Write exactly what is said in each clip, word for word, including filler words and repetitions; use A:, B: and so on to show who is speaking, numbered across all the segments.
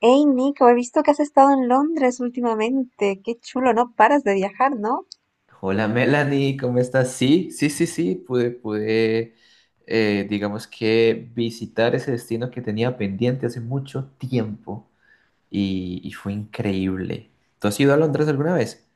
A: Hey Nico, he visto que has estado en Londres últimamente. Qué chulo, no paras de viajar, ¿no?
B: Hola Melanie, ¿cómo estás? Sí, sí, sí, sí, pude, pude, eh, digamos que visitar ese destino que tenía pendiente hace mucho tiempo y, y fue increíble. ¿Tú has ido a Londres alguna vez?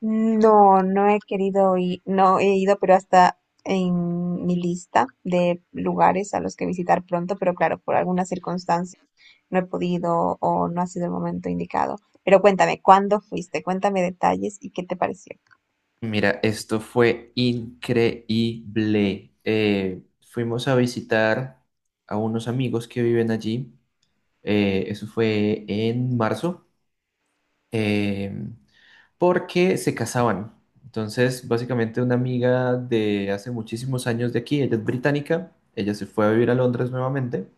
A: No, no he querido ir, no he ido, pero hasta en mi lista de lugares a los que visitar pronto, pero claro, por algunas circunstancias no he podido o no ha sido el momento indicado. Pero cuéntame, ¿cuándo fuiste? Cuéntame detalles y qué te pareció.
B: Mira, esto fue increíble. Eh, fuimos a visitar a unos amigos que viven allí. Eh, eso fue en marzo, Em, porque se casaban. Entonces, básicamente una amiga de hace muchísimos años de aquí, ella es británica, ella se fue a vivir a Londres nuevamente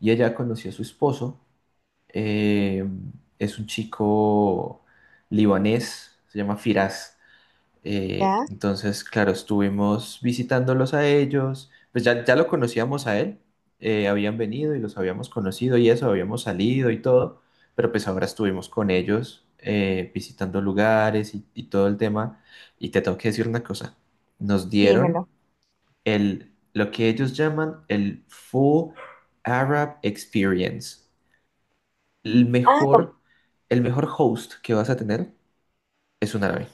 B: y ella conoció a su esposo. eh, es un chico libanés, se llama Firas. Eh,
A: ¿Ya?
B: entonces, claro, estuvimos visitándolos a ellos, pues ya, ya lo conocíamos a él, eh, habían venido y los habíamos conocido y eso, habíamos salido y todo, pero pues ahora estuvimos con ellos eh, visitando lugares y, y todo el tema. Y te tengo que decir una cosa, nos dieron
A: Dímelo.
B: el, lo que ellos llaman el Full Arab Experience, el
A: Ah, com-
B: mejor, el mejor host que vas a tener es un árabe.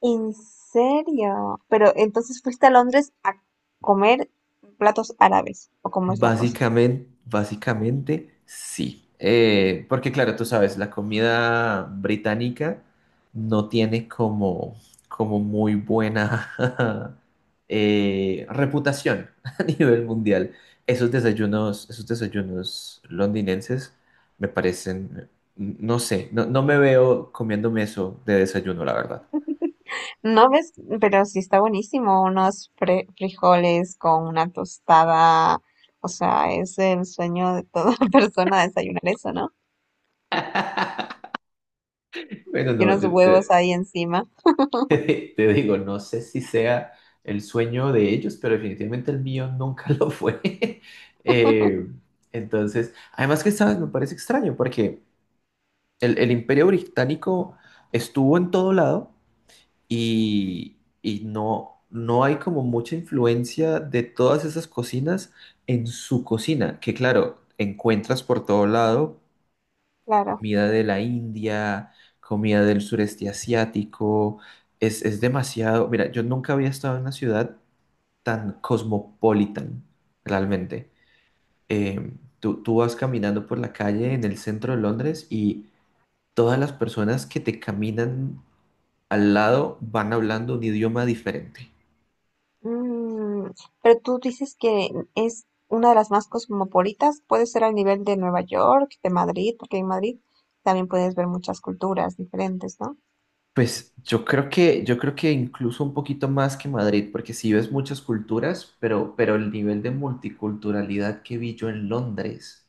A: ¿en serio? Pero entonces fuiste a Londres a comer platos árabes, ¿o cómo es la cosa?
B: Básicamente, básicamente sí. Eh, porque claro, tú sabes, la comida británica no tiene como, como muy buena eh, reputación a nivel mundial. Esos desayunos, esos desayunos londinenses me parecen, no sé, no, no me veo comiéndome eso de desayuno, la verdad.
A: No ves, pero sí está buenísimo, unos fre- frijoles con una tostada, o sea, es el sueño de toda persona desayunar eso, ¿no?
B: Bueno,
A: Y
B: no,
A: unos
B: yo
A: huevos
B: te,
A: ahí encima,
B: te digo, no sé si sea el sueño de ellos, pero definitivamente el mío nunca lo fue. Eh, entonces, además que, ¿sabes? Me parece extraño porque el, el Imperio Británico estuvo en todo lado y, y no, no hay como mucha influencia de todas esas cocinas en su cocina, que claro, encuentras por todo lado
A: claro.
B: comida de la India, comida del sureste asiático, es, es demasiado. Mira, yo nunca había estado en una ciudad tan cosmopolitan, realmente. Eh, tú, tú vas caminando por la calle en el centro de Londres y todas las personas que te caminan al lado van hablando un idioma diferente.
A: Mm, pero tú dices que es una de las más cosmopolitas, puede ser al nivel de Nueva York, de Madrid, porque en Madrid también puedes ver muchas culturas diferentes, ¿no?
B: Pues yo creo que, yo creo que incluso un poquito más que Madrid, porque sí ves muchas culturas, pero, pero el nivel de multiculturalidad que vi yo en Londres,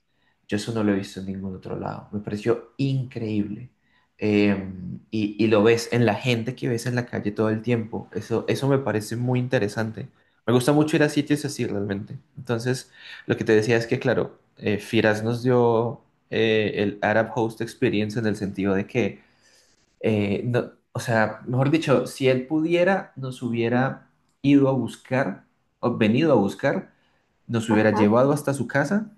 B: yo eso no lo he visto en ningún otro lado. Me pareció increíble. Eh, y, y lo ves en la gente que ves en la calle todo el tiempo. Eso, eso me parece muy interesante. Me gusta mucho ir a sitios así realmente. Entonces, lo que te decía es que, claro, eh, Firas nos dio eh, el Arab Host Experience en el sentido de que eh, no- o sea, mejor dicho, si él pudiera, nos hubiera ido a buscar, o venido a buscar, nos hubiera
A: Ajá.
B: llevado hasta su casa,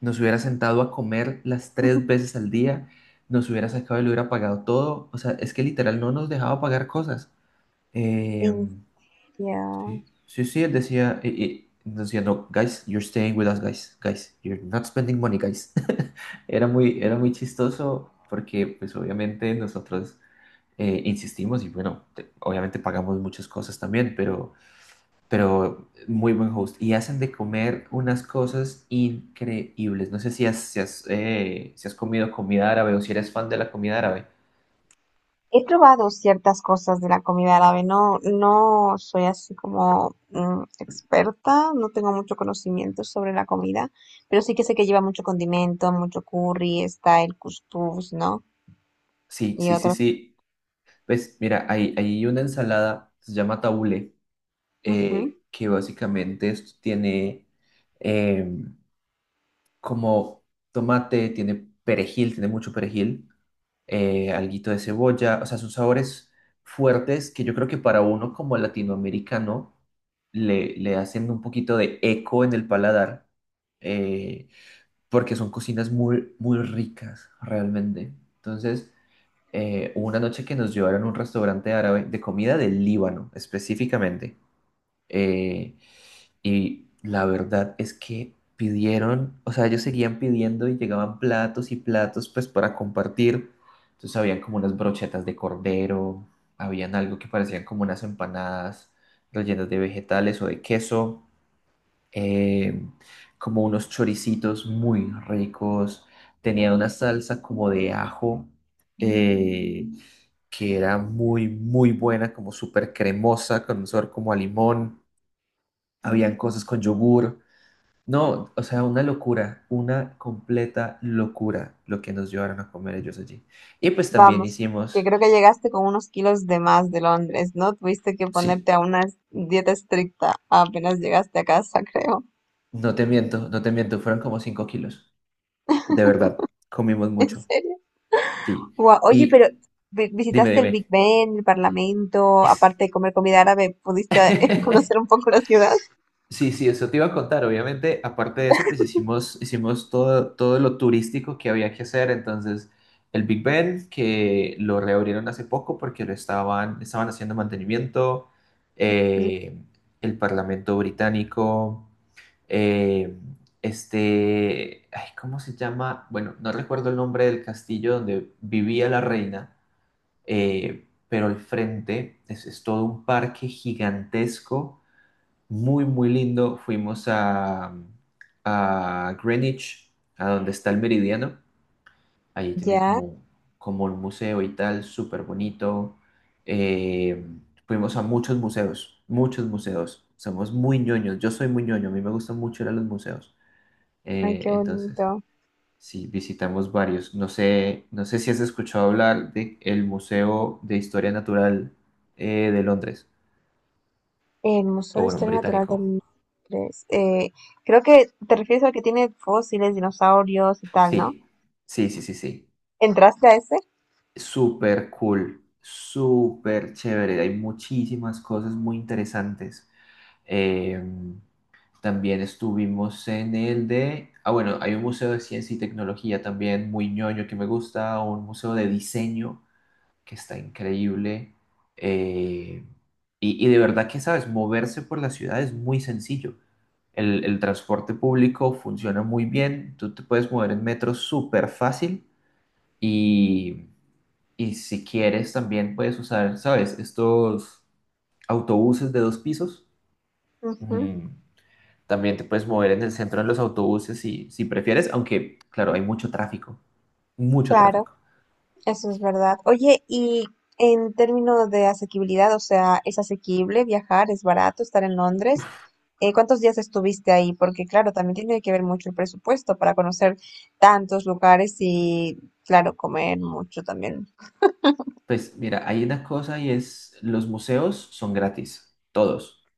B: nos hubiera sentado a comer las tres veces al día, nos hubiera sacado y le hubiera pagado todo. O sea, es que literal no nos dejaba pagar cosas. Eh,
A: India.
B: sí, sí, sí, él decía, eh, eh, nos decía, no, guys, you're staying with us, guys, guys, you're not spending money, guys. Era muy, era muy chistoso porque, pues, obviamente nosotros eh, insistimos y bueno, te- obviamente pagamos muchas cosas también, pero, pero muy buen host. Y hacen de comer unas cosas increíbles. No sé si has, si has, eh, si has comido comida árabe o si eres fan de la comida árabe.
A: He probado ciertas cosas de la comida árabe, no, no soy así como mm, experta, no tengo mucho conocimiento sobre la comida, pero sí que sé que lleva mucho condimento, mucho curry, está el cuscús, ¿no?
B: Sí,
A: Y
B: sí, sí,
A: otros.
B: sí. Pues mira, hay, hay una ensalada, se llama tabule,
A: Ujú.
B: eh, que básicamente esto tiene em, como tomate, tiene perejil, tiene mucho perejil eh, alguito de cebolla, o sea, son sabores fuertes que yo creo que para uno como latinoamericano le, le hacen un poquito de eco en el paladar, eh, porque son cocinas muy, muy ricas realmente. Entonces, eh, hubo una noche que nos llevaron a un restaurante árabe de comida del Líbano específicamente. Eh, y la verdad es que pidieron, o sea, ellos seguían pidiendo y llegaban platos y platos pues para compartir. Entonces habían como unas brochetas de cordero, habían algo que parecían como unas empanadas rellenas de vegetales o de queso, eh, como unos choricitos muy ricos, tenía una salsa como de ajo, eh, que era muy, muy buena, como súper cremosa, con un sabor como a limón. Habían cosas con yogur. No, o sea, una locura, una completa locura lo que nos llevaron a comer ellos allí. Y pues también
A: Vamos, que
B: hicimos,
A: creo que llegaste con unos kilos de más de Londres, ¿no? Tuviste que
B: sí,
A: ponerte a una dieta estricta apenas llegaste a casa, creo.
B: no te miento, no te miento, fueron como cinco kilos. De verdad, comimos
A: ¿En
B: mucho,
A: serio?
B: sí.
A: Guau, oye, pero
B: Y
A: vi-
B: dime,
A: visitaste el Big
B: dime.
A: Ben, el Parlamento, aparte de comer comida árabe, ¿pudiste conocer un poco la ciudad?
B: Sí, sí, eso te iba a contar. Obviamente, aparte de eso, pues hicimos, hicimos todo, todo lo turístico que había que hacer. Entonces, el Big Ben, que lo reabrieron hace poco porque lo estaban, estaban haciendo mantenimiento,
A: Mm.
B: eh, el Parlamento Británico, eh, este, ay, ¿cómo se llama? Bueno, no recuerdo el nombre del castillo donde vivía la reina, eh, pero al frente es es todo un parque gigantesco muy, muy lindo. Fuimos a, a Greenwich, a donde está el meridiano. Allí tienen
A: Ya,
B: como, como un museo y tal, súper bonito. Eh, fuimos a muchos museos, muchos museos. Somos muy ñoños. Yo soy muy ñoño, a mí me gusta mucho ir a los museos.
A: ay,
B: Eh,
A: qué
B: entonces,
A: bonito.
B: sí, visitamos varios. No sé, no sé si has escuchado hablar de el Museo de Historia Natural eh, de Londres,
A: El
B: o
A: Museo de
B: bueno,
A: Historia Natural de
B: británico.
A: Londres. eh, creo que te refieres al que tiene fósiles, dinosaurios y tal, ¿no?
B: Sí, sí, sí, sí, sí.
A: ¿Entraste a ese?
B: Súper cool, súper chévere. Hay muchísimas cosas muy interesantes. Eh, también estuvimos en el de... Ah, bueno, hay un museo de ciencia y tecnología también muy ñoño que me gusta, un museo de diseño que está increíble. Eh, y, y de verdad que, ¿sabes? Moverse por la ciudad es muy sencillo. El, el transporte público funciona muy bien. Tú te puedes mover en metro súper fácil y... Y si quieres, también puedes usar, ¿sabes? Estos autobuses de dos pisos.
A: Ujú,
B: Mm, También te puedes mover en el centro en los autobuses si, si prefieres, aunque, claro, hay mucho tráfico, mucho
A: claro.
B: tráfico.
A: Eso es verdad. Oye, y en términos de asequibilidad, o sea, ¿es asequible viajar? ¿Es barato estar en Londres? Eh, ¿cuántos días estuviste ahí? Porque claro, también tiene que ver mucho el presupuesto para conocer tantos lugares y, claro, comer mucho también.
B: Pues mira, hay una cosa y es, los museos son gratis, todos.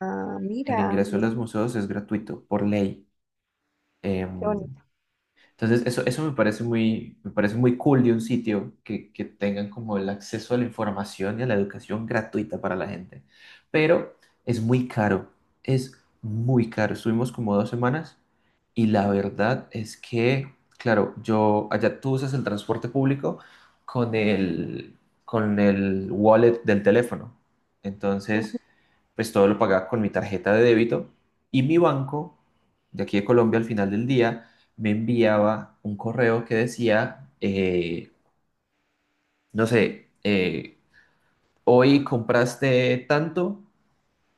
A: Ah,
B: El
A: mira,
B: ingreso a
A: no,
B: los museos es gratuito, por ley.
A: qué
B: Em,
A: bonito.
B: Entonces, eso, eso me parece muy, me parece muy cool de un sitio que, que tengan como el acceso a la información y a la educación gratuita para la gente. Pero es muy caro, es muy caro. Estuvimos como dos semanas y la verdad es que, claro, yo allá tú usas el transporte público con el, con el wallet del teléfono.
A: Ujú,
B: Entonces, pues todo lo pagaba con mi tarjeta de débito y mi banco de aquí de Colombia al final del día me enviaba un correo que decía, eh, no sé, eh, hoy compraste tanto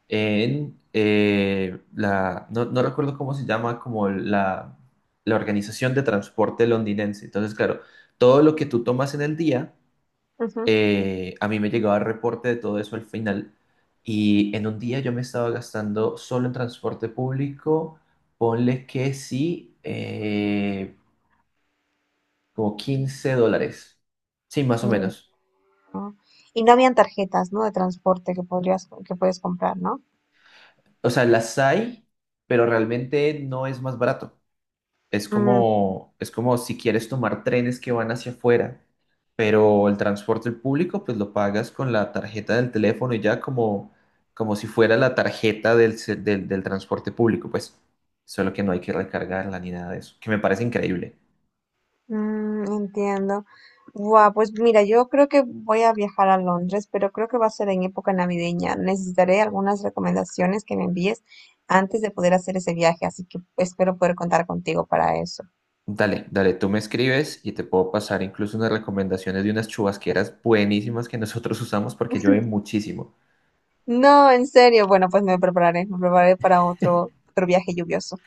B: en eh, la, no, no recuerdo cómo se llama, como la, la organización de transporte londinense. Entonces, claro, todo lo que tú tomas en el día,
A: ujú.
B: eh, a mí me llegaba el reporte de todo eso al final. Y en un día yo me estaba gastando solo en transporte público, ponle que sí, eh, como quince dólares. Sí, más o
A: Mm,
B: menos.
A: no. Y no habían tarjetas, ¿no? De transporte que podrías, que puedes comprar, ¿no?
B: O sea, las hay, pero realmente no es más barato. Es
A: Mm.
B: como, es como si quieres tomar trenes que van hacia afuera, pero el transporte público pues lo pagas con la tarjeta del teléfono y ya como, como si fuera la tarjeta del, se- del, del transporte público, pues solo que no hay que recargarla ni nada de eso, que me parece increíble.
A: Mm, entiendo. Guau, pues mira, yo creo que voy a viajar a Londres, pero creo que va a ser en época navideña. Necesitaré algunas recomendaciones que me envíes antes de poder hacer ese viaje, así que espero poder contar contigo para eso.
B: Dale, dale, tú me escribes y te puedo pasar incluso unas recomendaciones de unas chubasqueras buenísimas que nosotros usamos porque llueve muchísimo.
A: No, en serio. Bueno, pues me prepararé, me prepararé para otro, otro viaje lluvioso.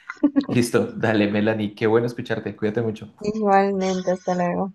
B: Listo, dale, Melanie, qué bueno escucharte, cuídate mucho.
A: Igualmente, hasta luego.